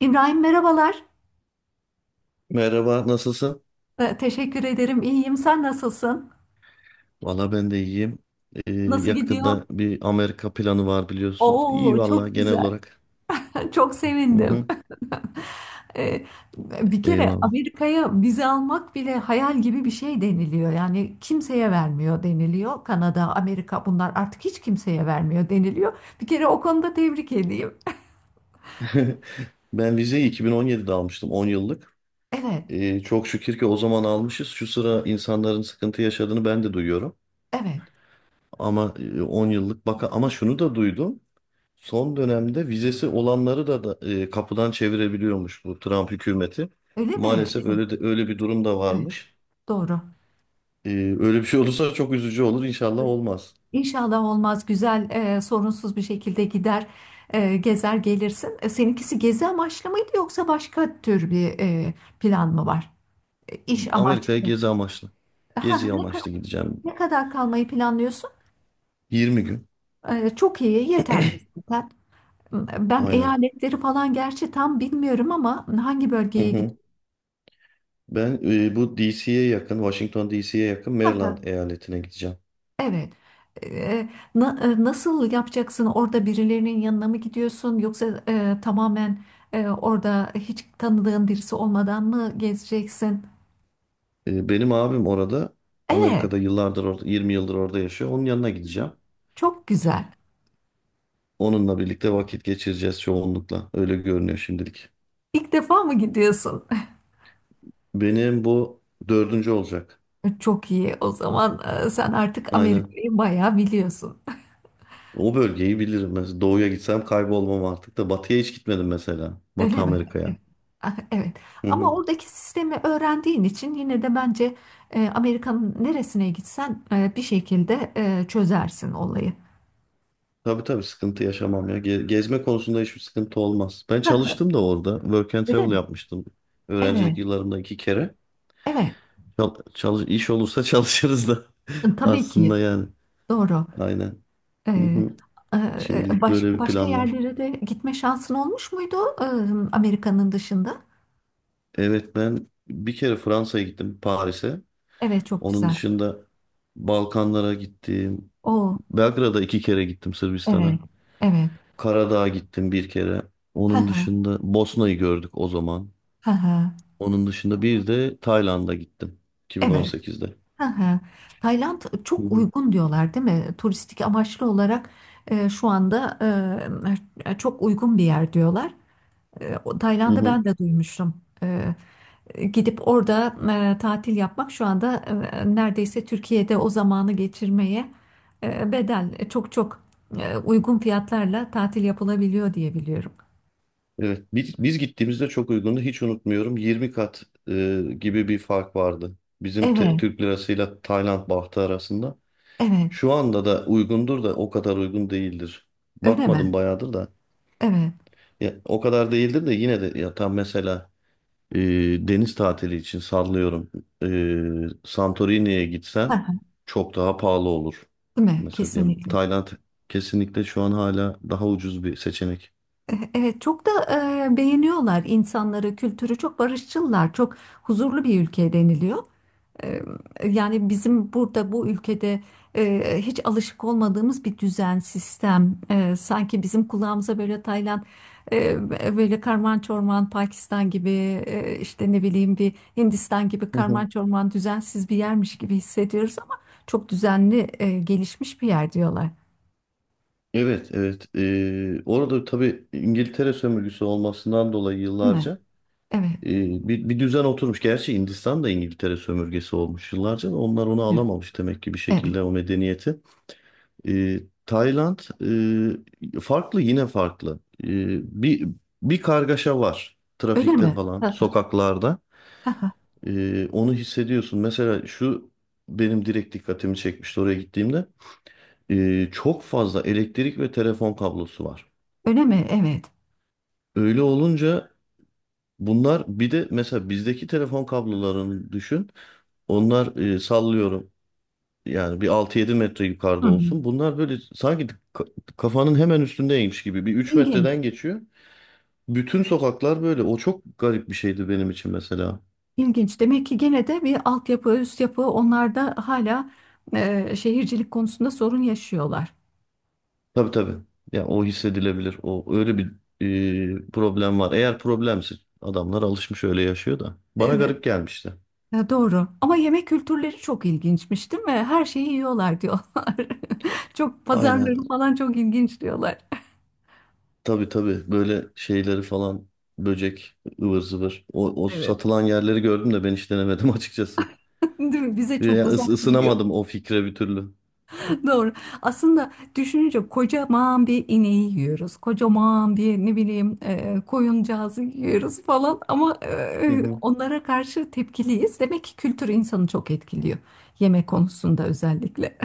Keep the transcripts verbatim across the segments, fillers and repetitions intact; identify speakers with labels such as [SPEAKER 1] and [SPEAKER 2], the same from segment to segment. [SPEAKER 1] İbrahim merhabalar.
[SPEAKER 2] Merhaba, nasılsın?
[SPEAKER 1] Ee, teşekkür ederim. İyiyim. Sen nasılsın?
[SPEAKER 2] Valla ben de iyiyim. Ee,
[SPEAKER 1] Nasıl gidiyor?
[SPEAKER 2] yakında bir Amerika planı var biliyorsun. İyi
[SPEAKER 1] Oo
[SPEAKER 2] valla
[SPEAKER 1] çok
[SPEAKER 2] genel
[SPEAKER 1] güzel.
[SPEAKER 2] olarak.
[SPEAKER 1] Çok
[SPEAKER 2] Hı
[SPEAKER 1] sevindim.
[SPEAKER 2] hı,
[SPEAKER 1] Ee, Bir kere
[SPEAKER 2] eyvallah.
[SPEAKER 1] Amerika'ya vize almak bile hayal gibi bir şey deniliyor. Yani kimseye vermiyor deniliyor. Kanada, Amerika bunlar artık hiç kimseye vermiyor deniliyor. Bir kere o konuda tebrik edeyim.
[SPEAKER 2] Ben vizeyi iki bin on yedide almıştım, on yıllık.
[SPEAKER 1] Evet,
[SPEAKER 2] Ee, çok şükür ki o zaman almışız. Şu sıra insanların sıkıntı yaşadığını ben de duyuyorum.
[SPEAKER 1] evet.
[SPEAKER 2] Ama e, on yıllık baka ama şunu da duydum. Son dönemde vizesi olanları da, da e, kapıdan çevirebiliyormuş bu Trump hükümeti.
[SPEAKER 1] Öyle mi?
[SPEAKER 2] Maalesef
[SPEAKER 1] Evet,
[SPEAKER 2] öyle de, öyle bir durum da
[SPEAKER 1] evet.
[SPEAKER 2] varmış.
[SPEAKER 1] Doğru.
[SPEAKER 2] Ee, öyle bir şey olursa çok üzücü olur. İnşallah olmaz.
[SPEAKER 1] İnşallah olmaz güzel, e, sorunsuz bir şekilde gider, e, gezer gelirsin. E, seninkisi gezi amaçlı mıydı yoksa başka tür bir e, plan mı var? E, İş
[SPEAKER 2] Amerika'ya
[SPEAKER 1] amaçlı.
[SPEAKER 2] gezi amaçlı.
[SPEAKER 1] Ha,
[SPEAKER 2] Gezi
[SPEAKER 1] ne, ka-
[SPEAKER 2] amaçlı gideceğim.
[SPEAKER 1] ne kadar kalmayı planlıyorsun?
[SPEAKER 2] Yirmi gün.
[SPEAKER 1] E, çok iyi, yeterli zaten. Ben
[SPEAKER 2] Aynen.
[SPEAKER 1] eyaletleri falan gerçi tam bilmiyorum ama hangi
[SPEAKER 2] Hı
[SPEAKER 1] bölgeye
[SPEAKER 2] hı. Ben e, bu D C'ye yakın, Washington D C'ye yakın Maryland
[SPEAKER 1] gidiyorsun?
[SPEAKER 2] eyaletine gideceğim.
[SPEAKER 1] Evet. Ee, na- e, Nasıl yapacaksın? Orada birilerinin yanına mı gidiyorsun? Yoksa e, tamamen e, orada hiç tanıdığın birisi olmadan mı gezeceksin?
[SPEAKER 2] E, benim abim orada,
[SPEAKER 1] Evet,
[SPEAKER 2] Amerika'da yıllardır orada, yirmi yıldır orada yaşıyor. Onun yanına gideceğim.
[SPEAKER 1] çok güzel.
[SPEAKER 2] Onunla birlikte vakit geçireceğiz çoğunlukla. Öyle görünüyor şimdilik.
[SPEAKER 1] İlk defa mı gidiyorsun?
[SPEAKER 2] Benim bu dördüncü olacak.
[SPEAKER 1] Çok iyi. O zaman e, sen artık
[SPEAKER 2] Aynen.
[SPEAKER 1] Amerika'yı bayağı biliyorsun.
[SPEAKER 2] O bölgeyi bilirim. Mesela doğuya gitsem kaybolmam artık da batıya hiç gitmedim mesela. Batı
[SPEAKER 1] Öyle mi?
[SPEAKER 2] Amerika'ya.
[SPEAKER 1] Evet. Ah, evet.
[SPEAKER 2] Hı
[SPEAKER 1] Ama
[SPEAKER 2] hı.
[SPEAKER 1] oradaki sistemi öğrendiğin için yine de bence e, Amerika'nın neresine gitsen e, bir şekilde e, çözersin olayı.
[SPEAKER 2] Tabii tabii sıkıntı yaşamam ya. Ge- Gezme konusunda hiçbir sıkıntı olmaz. Ben çalıştım da orada. Work and
[SPEAKER 1] Öyle
[SPEAKER 2] travel
[SPEAKER 1] mi?
[SPEAKER 2] yapmıştım.
[SPEAKER 1] Evet.
[SPEAKER 2] Öğrencilik yıllarımda iki kere.
[SPEAKER 1] Evet,
[SPEAKER 2] Çal çalış iş olursa çalışırız da
[SPEAKER 1] tabii ki
[SPEAKER 2] aslında yani.
[SPEAKER 1] doğru.
[SPEAKER 2] Aynen. Hı
[SPEAKER 1] Ee,
[SPEAKER 2] hı.
[SPEAKER 1] e,
[SPEAKER 2] Şimdilik
[SPEAKER 1] baş-
[SPEAKER 2] böyle bir
[SPEAKER 1] Başka
[SPEAKER 2] plan var.
[SPEAKER 1] yerlere de gitme şansın olmuş muydu e, Amerika'nın dışında?
[SPEAKER 2] Evet, ben bir kere Fransa'ya gittim, Paris'e.
[SPEAKER 1] Evet, çok
[SPEAKER 2] Onun
[SPEAKER 1] güzel.
[SPEAKER 2] dışında Balkanlara gittim.
[SPEAKER 1] O,
[SPEAKER 2] Belgrad'a iki kere gittim,
[SPEAKER 1] evet,
[SPEAKER 2] Sırbistan'a.
[SPEAKER 1] evet.
[SPEAKER 2] Karadağ'a gittim bir kere.
[SPEAKER 1] Ha
[SPEAKER 2] Onun
[SPEAKER 1] ha,
[SPEAKER 2] dışında Bosna'yı gördük o zaman.
[SPEAKER 1] ha ha.
[SPEAKER 2] Onun dışında bir de Tayland'a gittim,
[SPEAKER 1] Evet,
[SPEAKER 2] iki bin on sekizde.
[SPEAKER 1] ha ha. Tayland
[SPEAKER 2] Hı
[SPEAKER 1] çok
[SPEAKER 2] hı.
[SPEAKER 1] uygun diyorlar, değil mi? Turistik amaçlı olarak e, şu anda e, çok uygun bir yer diyorlar. E, o-
[SPEAKER 2] Hı
[SPEAKER 1] Tayland'ı ben
[SPEAKER 2] hı.
[SPEAKER 1] de duymuştum. Gidip orada e, tatil yapmak şu anda e, neredeyse Türkiye'de o zamanı geçirmeye e, bedel, e, çok çok e, uygun fiyatlarla tatil yapılabiliyor diye biliyorum.
[SPEAKER 2] Evet, biz, biz gittiğimizde çok uygundu. Hiç unutmuyorum. yirmi kat e, gibi bir fark vardı. Bizim te-
[SPEAKER 1] Evet,
[SPEAKER 2] Türk lirasıyla Tayland bahtı arasında.
[SPEAKER 1] evet.
[SPEAKER 2] Şu anda da uygundur da o kadar uygun değildir.
[SPEAKER 1] Öyle
[SPEAKER 2] Bakmadım
[SPEAKER 1] mi?
[SPEAKER 2] bayağıdır da.
[SPEAKER 1] Evet.
[SPEAKER 2] Ya, o kadar değildir de yine de ya tam mesela, E, deniz tatili için sallıyorum. E, Santorini'ye gitsen
[SPEAKER 1] Ha,
[SPEAKER 2] çok daha pahalı olur.
[SPEAKER 1] değil mi?
[SPEAKER 2] Mesela diyelim
[SPEAKER 1] Kesinlikle.
[SPEAKER 2] Tayland kesinlikle şu an hala daha ucuz bir seçenek.
[SPEAKER 1] E, Evet, çok da e, beğeniyorlar, insanları, kültürü çok barışçılar, çok huzurlu bir ülke deniliyor. E, Yani bizim burada bu ülkede e, hiç alışık olmadığımız bir düzen, sistem. E, sanki bizim kulağımıza böyle Tayland, e, böyle karman çorman Pakistan gibi, e, işte ne bileyim bir Hindistan gibi
[SPEAKER 2] Hı hı.
[SPEAKER 1] karman çorman düzensiz bir yermiş gibi hissediyoruz ama çok düzenli, e, gelişmiş bir yer diyorlar.
[SPEAKER 2] Evet, evet. Ee, orada tabii İngiltere sömürgesi olmasından dolayı
[SPEAKER 1] Değil mi?
[SPEAKER 2] yıllarca
[SPEAKER 1] Evet.
[SPEAKER 2] e, bir, bir düzen oturmuş. Gerçi Hindistan da İngiltere sömürgesi olmuş yıllarca da onlar onu
[SPEAKER 1] Evet.
[SPEAKER 2] alamamış demek ki bir
[SPEAKER 1] Evet.
[SPEAKER 2] şekilde o medeniyeti. E, Tayland e, farklı, yine farklı. E, bir bir kargaşa var
[SPEAKER 1] Öyle
[SPEAKER 2] trafikte
[SPEAKER 1] mi?
[SPEAKER 2] falan, sokaklarda. E, onu hissediyorsun. Mesela şu benim direkt dikkatimi çekmişti oraya gittiğimde. E, çok fazla elektrik ve telefon kablosu var.
[SPEAKER 1] Öyle mi? Evet.
[SPEAKER 2] Öyle olunca bunlar, bir de mesela bizdeki telefon kablolarını düşün. Onlar e, sallıyorum yani bir altı yedi metre
[SPEAKER 1] Hı
[SPEAKER 2] yukarıda
[SPEAKER 1] hı.
[SPEAKER 2] olsun. Bunlar böyle sanki ka- kafanın hemen üstündeymiş gibi, bir üç
[SPEAKER 1] İlginç.
[SPEAKER 2] metreden geçiyor. Bütün sokaklar böyle. O çok garip bir şeydi benim için mesela.
[SPEAKER 1] İlginç. Demek ki gene de bir altyapı, üst yapı, onlar da hala e, şehircilik konusunda sorun yaşıyorlar.
[SPEAKER 2] Tabii tabii. Ya o hissedilebilir. O öyle bir e, problem var. Eğer problemse adamlar alışmış, öyle yaşıyor da. Bana
[SPEAKER 1] Evet,
[SPEAKER 2] garip gelmişti.
[SPEAKER 1] e, doğru. Ama yemek kültürleri çok ilginçmiş, değil mi? Her şeyi yiyorlar diyorlar. Çok,
[SPEAKER 2] Aynen.
[SPEAKER 1] pazarları falan çok ilginç diyorlar.
[SPEAKER 2] Tabii tabii. Böyle şeyleri falan, böcek ıvır zıvır. O, o
[SPEAKER 1] Evet.
[SPEAKER 2] satılan yerleri gördüm de ben hiç denemedim açıkçası.
[SPEAKER 1] Değil mi? Bize çok
[SPEAKER 2] Ya, ıs-
[SPEAKER 1] uzak geliyor.
[SPEAKER 2] ısınamadım o fikre bir türlü.
[SPEAKER 1] Doğru. Aslında düşününce kocaman bir ineği yiyoruz. Kocaman bir ne bileyim e, koyuncağızı yiyoruz falan ama
[SPEAKER 2] Hı
[SPEAKER 1] e,
[SPEAKER 2] hı.
[SPEAKER 1] onlara karşı tepkiliyiz. Demek ki kültür insanı çok etkiliyor. Yemek konusunda özellikle.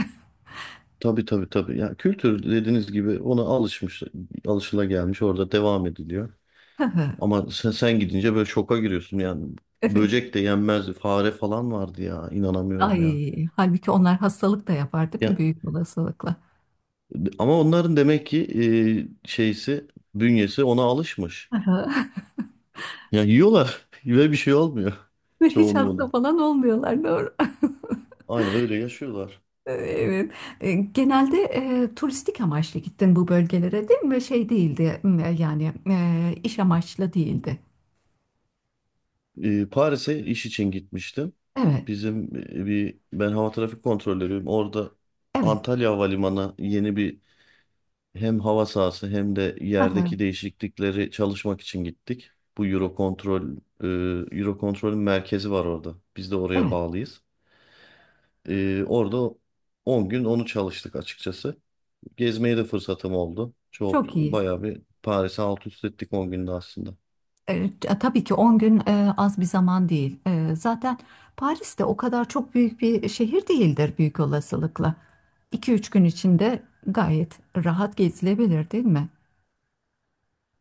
[SPEAKER 2] Tabii tabii tabii. Ya, kültür dediğiniz gibi ona alışmış, alışılagelmiş, orada devam ediliyor. Ama sen, sen gidince böyle şoka giriyorsun yani.
[SPEAKER 1] Evet.
[SPEAKER 2] Böcek de yenmezdi. Fare falan vardı ya. İnanamıyorum ya.
[SPEAKER 1] Ay, halbuki onlar hastalık da yapar değil mi?
[SPEAKER 2] Ya
[SPEAKER 1] Büyük olasılıkla.
[SPEAKER 2] ama onların demek ki e, şeysi, bünyesi ona alışmış. Ya, yiyorlar ve bir şey olmuyor,
[SPEAKER 1] Ve hiç
[SPEAKER 2] çoğunluğuna.
[SPEAKER 1] hasta falan olmuyorlar, doğru.
[SPEAKER 2] Aynen öyle yaşıyorlar.
[SPEAKER 1] Ee, Evet. E, Genelde e, turistik amaçlı gittin bu bölgelere değil mi? Şey değildi m, e, yani e, iş amaçlı değildi.
[SPEAKER 2] E, Paris'e iş için gitmiştim.
[SPEAKER 1] Evet,
[SPEAKER 2] Bizim e, bir ben hava trafik kontrolörüyüm. Orada
[SPEAKER 1] evet.
[SPEAKER 2] Antalya Havalimanı yeni bir hem hava sahası hem de
[SPEAKER 1] Aha,
[SPEAKER 2] yerdeki değişiklikleri çalışmak için gittik. Bu Eurocontrol, e, Eurocontrol'ün merkezi var orada. Biz de oraya
[SPEAKER 1] evet,
[SPEAKER 2] bağlıyız. E, orada on gün onu çalıştık açıkçası. Gezmeye de fırsatım oldu. Çok
[SPEAKER 1] çok iyi.
[SPEAKER 2] bayağı bir Paris'i alt üst ettik, on günde aslında.
[SPEAKER 1] Evet, E, t- tabii ki on gün e, az bir zaman değil. E, zaten Paris de o kadar çok büyük bir şehir değildir, büyük olasılıkla. iki üç gün içinde gayet rahat gezilebilir değil mi?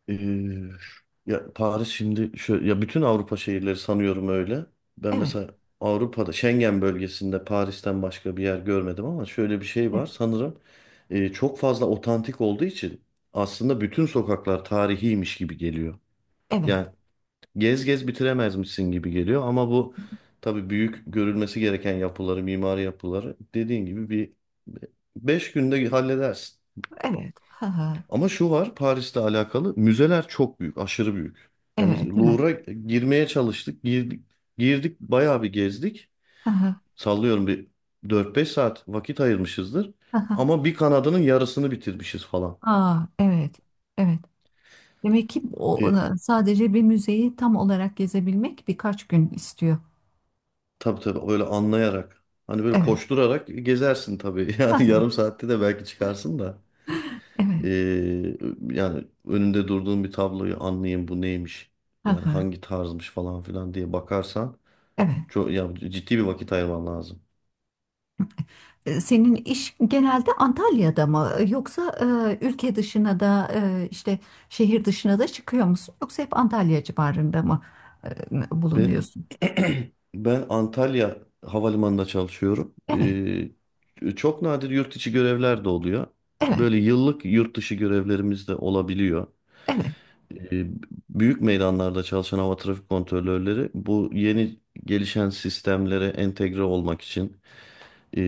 [SPEAKER 2] Ee, ya Paris şimdi şöyle, ya bütün Avrupa şehirleri sanıyorum öyle. Ben
[SPEAKER 1] Evet,
[SPEAKER 2] mesela Avrupa'da Schengen bölgesinde Paris'ten başka bir yer görmedim, ama şöyle bir şey var
[SPEAKER 1] e-
[SPEAKER 2] sanırım, e, çok fazla otantik olduğu için aslında bütün sokaklar tarihiymiş gibi geliyor.
[SPEAKER 1] evet,
[SPEAKER 2] Yani gez gez bitiremezmişsin gibi geliyor, ama bu tabii büyük görülmesi gereken yapıları, mimari yapıları dediğin gibi bir beş günde halledersin.
[SPEAKER 1] evet. Ha, ha,
[SPEAKER 2] Ama şu var, Paris'le alakalı müzeler çok büyük, aşırı büyük. Yani biz
[SPEAKER 1] evet, değil mi?
[SPEAKER 2] Louvre'a girmeye çalıştık, girdik, girdik, bayağı bir gezdik.
[SPEAKER 1] Ha, ha,
[SPEAKER 2] Sallıyorum bir dört beş saat vakit ayırmışızdır.
[SPEAKER 1] ha, ha.
[SPEAKER 2] Ama bir kanadının yarısını bitirmişiz falan.
[SPEAKER 1] Aa, evet. Evet. Demek ki o
[SPEAKER 2] E,
[SPEAKER 1] e, sadece bir müzeyi tam olarak gezebilmek birkaç gün istiyor.
[SPEAKER 2] tabii tabii, öyle anlayarak. Hani böyle
[SPEAKER 1] Evet.
[SPEAKER 2] koşturarak gezersin tabii.
[SPEAKER 1] Hı
[SPEAKER 2] Yani
[SPEAKER 1] hı.
[SPEAKER 2] yarım saatte de belki çıkarsın da.
[SPEAKER 1] Evet.
[SPEAKER 2] E, yani önünde durduğun bir tabloyu anlayayım bu neymiş.
[SPEAKER 1] Hı
[SPEAKER 2] Yani
[SPEAKER 1] hı.
[SPEAKER 2] hangi tarzmış falan filan diye bakarsan.
[SPEAKER 1] Evet.
[SPEAKER 2] Çok ya, ciddi bir vakit ayırman lazım.
[SPEAKER 1] E, Senin iş genelde Antalya'da mı yoksa e, ülke dışına da, e, işte şehir dışına da çıkıyor musun, yoksa hep Antalya civarında mı e,
[SPEAKER 2] Ve
[SPEAKER 1] bulunuyorsun?
[SPEAKER 2] ben Antalya Havalimanı'nda çalışıyorum.
[SPEAKER 1] Evet,
[SPEAKER 2] Ee, çok nadir yurt içi görevler de oluyor.
[SPEAKER 1] evet,
[SPEAKER 2] Böyle yıllık yurt dışı görevlerimiz de olabiliyor.
[SPEAKER 1] evet,
[SPEAKER 2] Ee, büyük meydanlarda çalışan hava trafik kontrolörleri, bu yeni gelişen sistemlere entegre olmak için, e,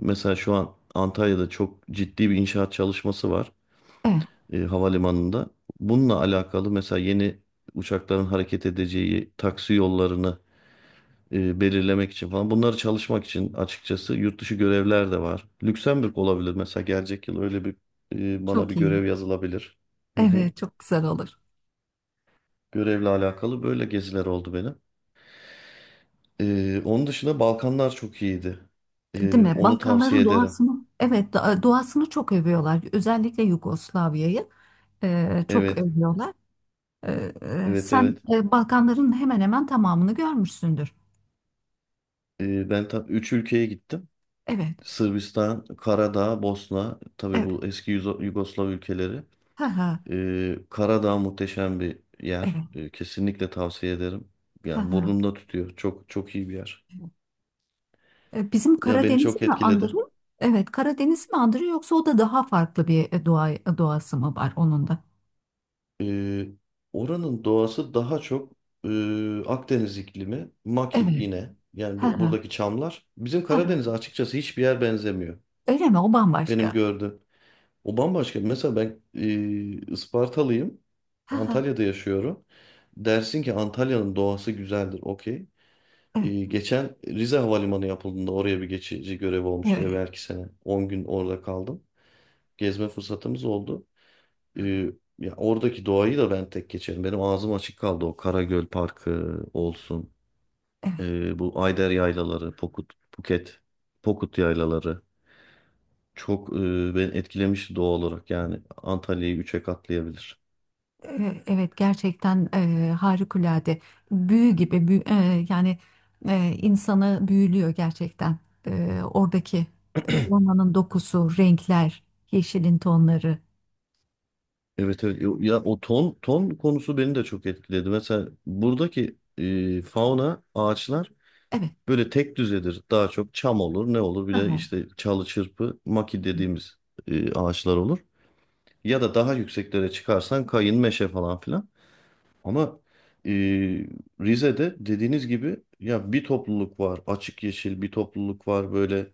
[SPEAKER 2] mesela şu an Antalya'da çok ciddi bir inşaat çalışması var,
[SPEAKER 1] evet.
[SPEAKER 2] e, havalimanında. Bununla alakalı mesela yeni uçakların hareket edeceği taksi yollarını e, belirlemek için falan, bunları çalışmak için açıkçası yurt dışı görevler de var. Lüksemburg olabilir mesela, gelecek yıl öyle bir e, bana bir
[SPEAKER 1] Çok iyi.
[SPEAKER 2] görev yazılabilir. Hı hı.
[SPEAKER 1] Evet, çok güzel olur.
[SPEAKER 2] Görevle alakalı böyle geziler oldu benim. E, onun dışında Balkanlar çok iyiydi.
[SPEAKER 1] Değil
[SPEAKER 2] E,
[SPEAKER 1] mi?
[SPEAKER 2] onu tavsiye
[SPEAKER 1] Balkanların
[SPEAKER 2] ederim.
[SPEAKER 1] doğasını, evet, da- doğasını çok övüyorlar. Özellikle Yugoslavya'yı e, çok
[SPEAKER 2] Evet,
[SPEAKER 1] övüyorlar. E, e,
[SPEAKER 2] evet,
[SPEAKER 1] sen
[SPEAKER 2] evet.
[SPEAKER 1] e, Balkanların hemen hemen tamamını görmüşsündür.
[SPEAKER 2] E, ben tabii üç ülkeye gittim.
[SPEAKER 1] Evet,
[SPEAKER 2] Sırbistan, Karadağ, Bosna, tabii
[SPEAKER 1] evet,
[SPEAKER 2] bu eski Yugo- Yugoslav ülkeleri.
[SPEAKER 1] ha ha,
[SPEAKER 2] Ee, Karadağ muhteşem bir yer.
[SPEAKER 1] evet,
[SPEAKER 2] Ee, kesinlikle tavsiye ederim.
[SPEAKER 1] ha
[SPEAKER 2] Yani
[SPEAKER 1] ha.
[SPEAKER 2] burnumda tutuyor. Çok çok iyi bir yer.
[SPEAKER 1] E, bizim
[SPEAKER 2] Ya, beni
[SPEAKER 1] Karadeniz'i
[SPEAKER 2] çok
[SPEAKER 1] mi
[SPEAKER 2] etkiledi.
[SPEAKER 1] andırıyor? Evet, Karadeniz mi andırıyor yoksa o da daha farklı bir e, doğa, doğası mı var onun da?
[SPEAKER 2] Ee, oranın doğası daha çok e, Akdeniz iklimi, maki
[SPEAKER 1] Evet,
[SPEAKER 2] yine. Yani
[SPEAKER 1] ha
[SPEAKER 2] bu-
[SPEAKER 1] ha,
[SPEAKER 2] buradaki çamlar. Bizim
[SPEAKER 1] ha ha.
[SPEAKER 2] Karadeniz'e açıkçası hiçbir yer benzemiyor.
[SPEAKER 1] Öyle mi? O
[SPEAKER 2] Benim
[SPEAKER 1] bambaşka.
[SPEAKER 2] gördüğüm. O bambaşka. Mesela ben e, Ispartalıyım.
[SPEAKER 1] Ha ha,
[SPEAKER 2] Antalya'da yaşıyorum. Dersin ki Antalya'nın doğası güzeldir. Okey. E,
[SPEAKER 1] evet,
[SPEAKER 2] geçen Rize Havalimanı yapıldığında oraya bir geçici görev olmuştu
[SPEAKER 1] evet.
[SPEAKER 2] evvelki sene. On gün orada kaldım. Gezme fırsatımız oldu. E, ya oradaki doğayı da ben tek geçerim. Benim ağzım açık kaldı. O Karagöl Parkı olsun. E, bu Ayder Yaylaları, Pokut, Buket, Pokut Yaylaları. Çok e, beni etkilemişti doğal olarak. Yani Antalya'yı üçe katlayabilir.
[SPEAKER 1] E, Evet, gerçekten e, harikulade, büyü gibi büyü- e, yani e, insanı büyülüyor gerçekten. E, oradaki e, ormanın dokusu, renkler, yeşilin tonları,
[SPEAKER 2] Evet, evet, ya o ton ton konusu beni de çok etkiledi. Mesela buradaki e, fauna, ağaçlar
[SPEAKER 1] evet.
[SPEAKER 2] böyle tek düzedir. Daha çok çam olur, ne olur, bir de
[SPEAKER 1] Aha.
[SPEAKER 2] işte çalı çırpı maki dediğimiz e, ağaçlar olur. Ya da daha yükseklere çıkarsan, kayın, meşe falan filan. Ama e, Rize'de dediğiniz gibi, ya bir topluluk var, açık yeşil bir topluluk var, böyle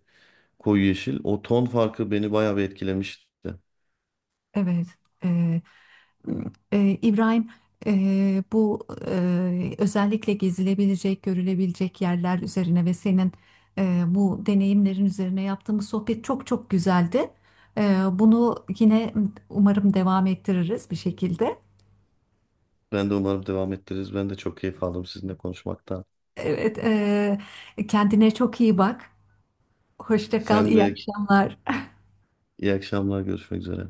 [SPEAKER 2] koyu yeşil. O ton farkı beni bayağı bir etkilemişti.
[SPEAKER 1] Evet. e, Ee, İbrahim, e, bu e, özellikle gezilebilecek, görülebilecek yerler üzerine ve senin e, bu deneyimlerin üzerine yaptığımız sohbet çok çok güzeldi. E, bunu yine umarım devam ettiririz bir şekilde.
[SPEAKER 2] Ben de umarım devam ettiririz. Ben de çok keyif aldım sizinle konuşmaktan.
[SPEAKER 1] Evet, e, kendine çok iyi bak. Hoşça kal,
[SPEAKER 2] Sen
[SPEAKER 1] iyi
[SPEAKER 2] de
[SPEAKER 1] akşamlar.
[SPEAKER 2] iyi akşamlar, görüşmek üzere.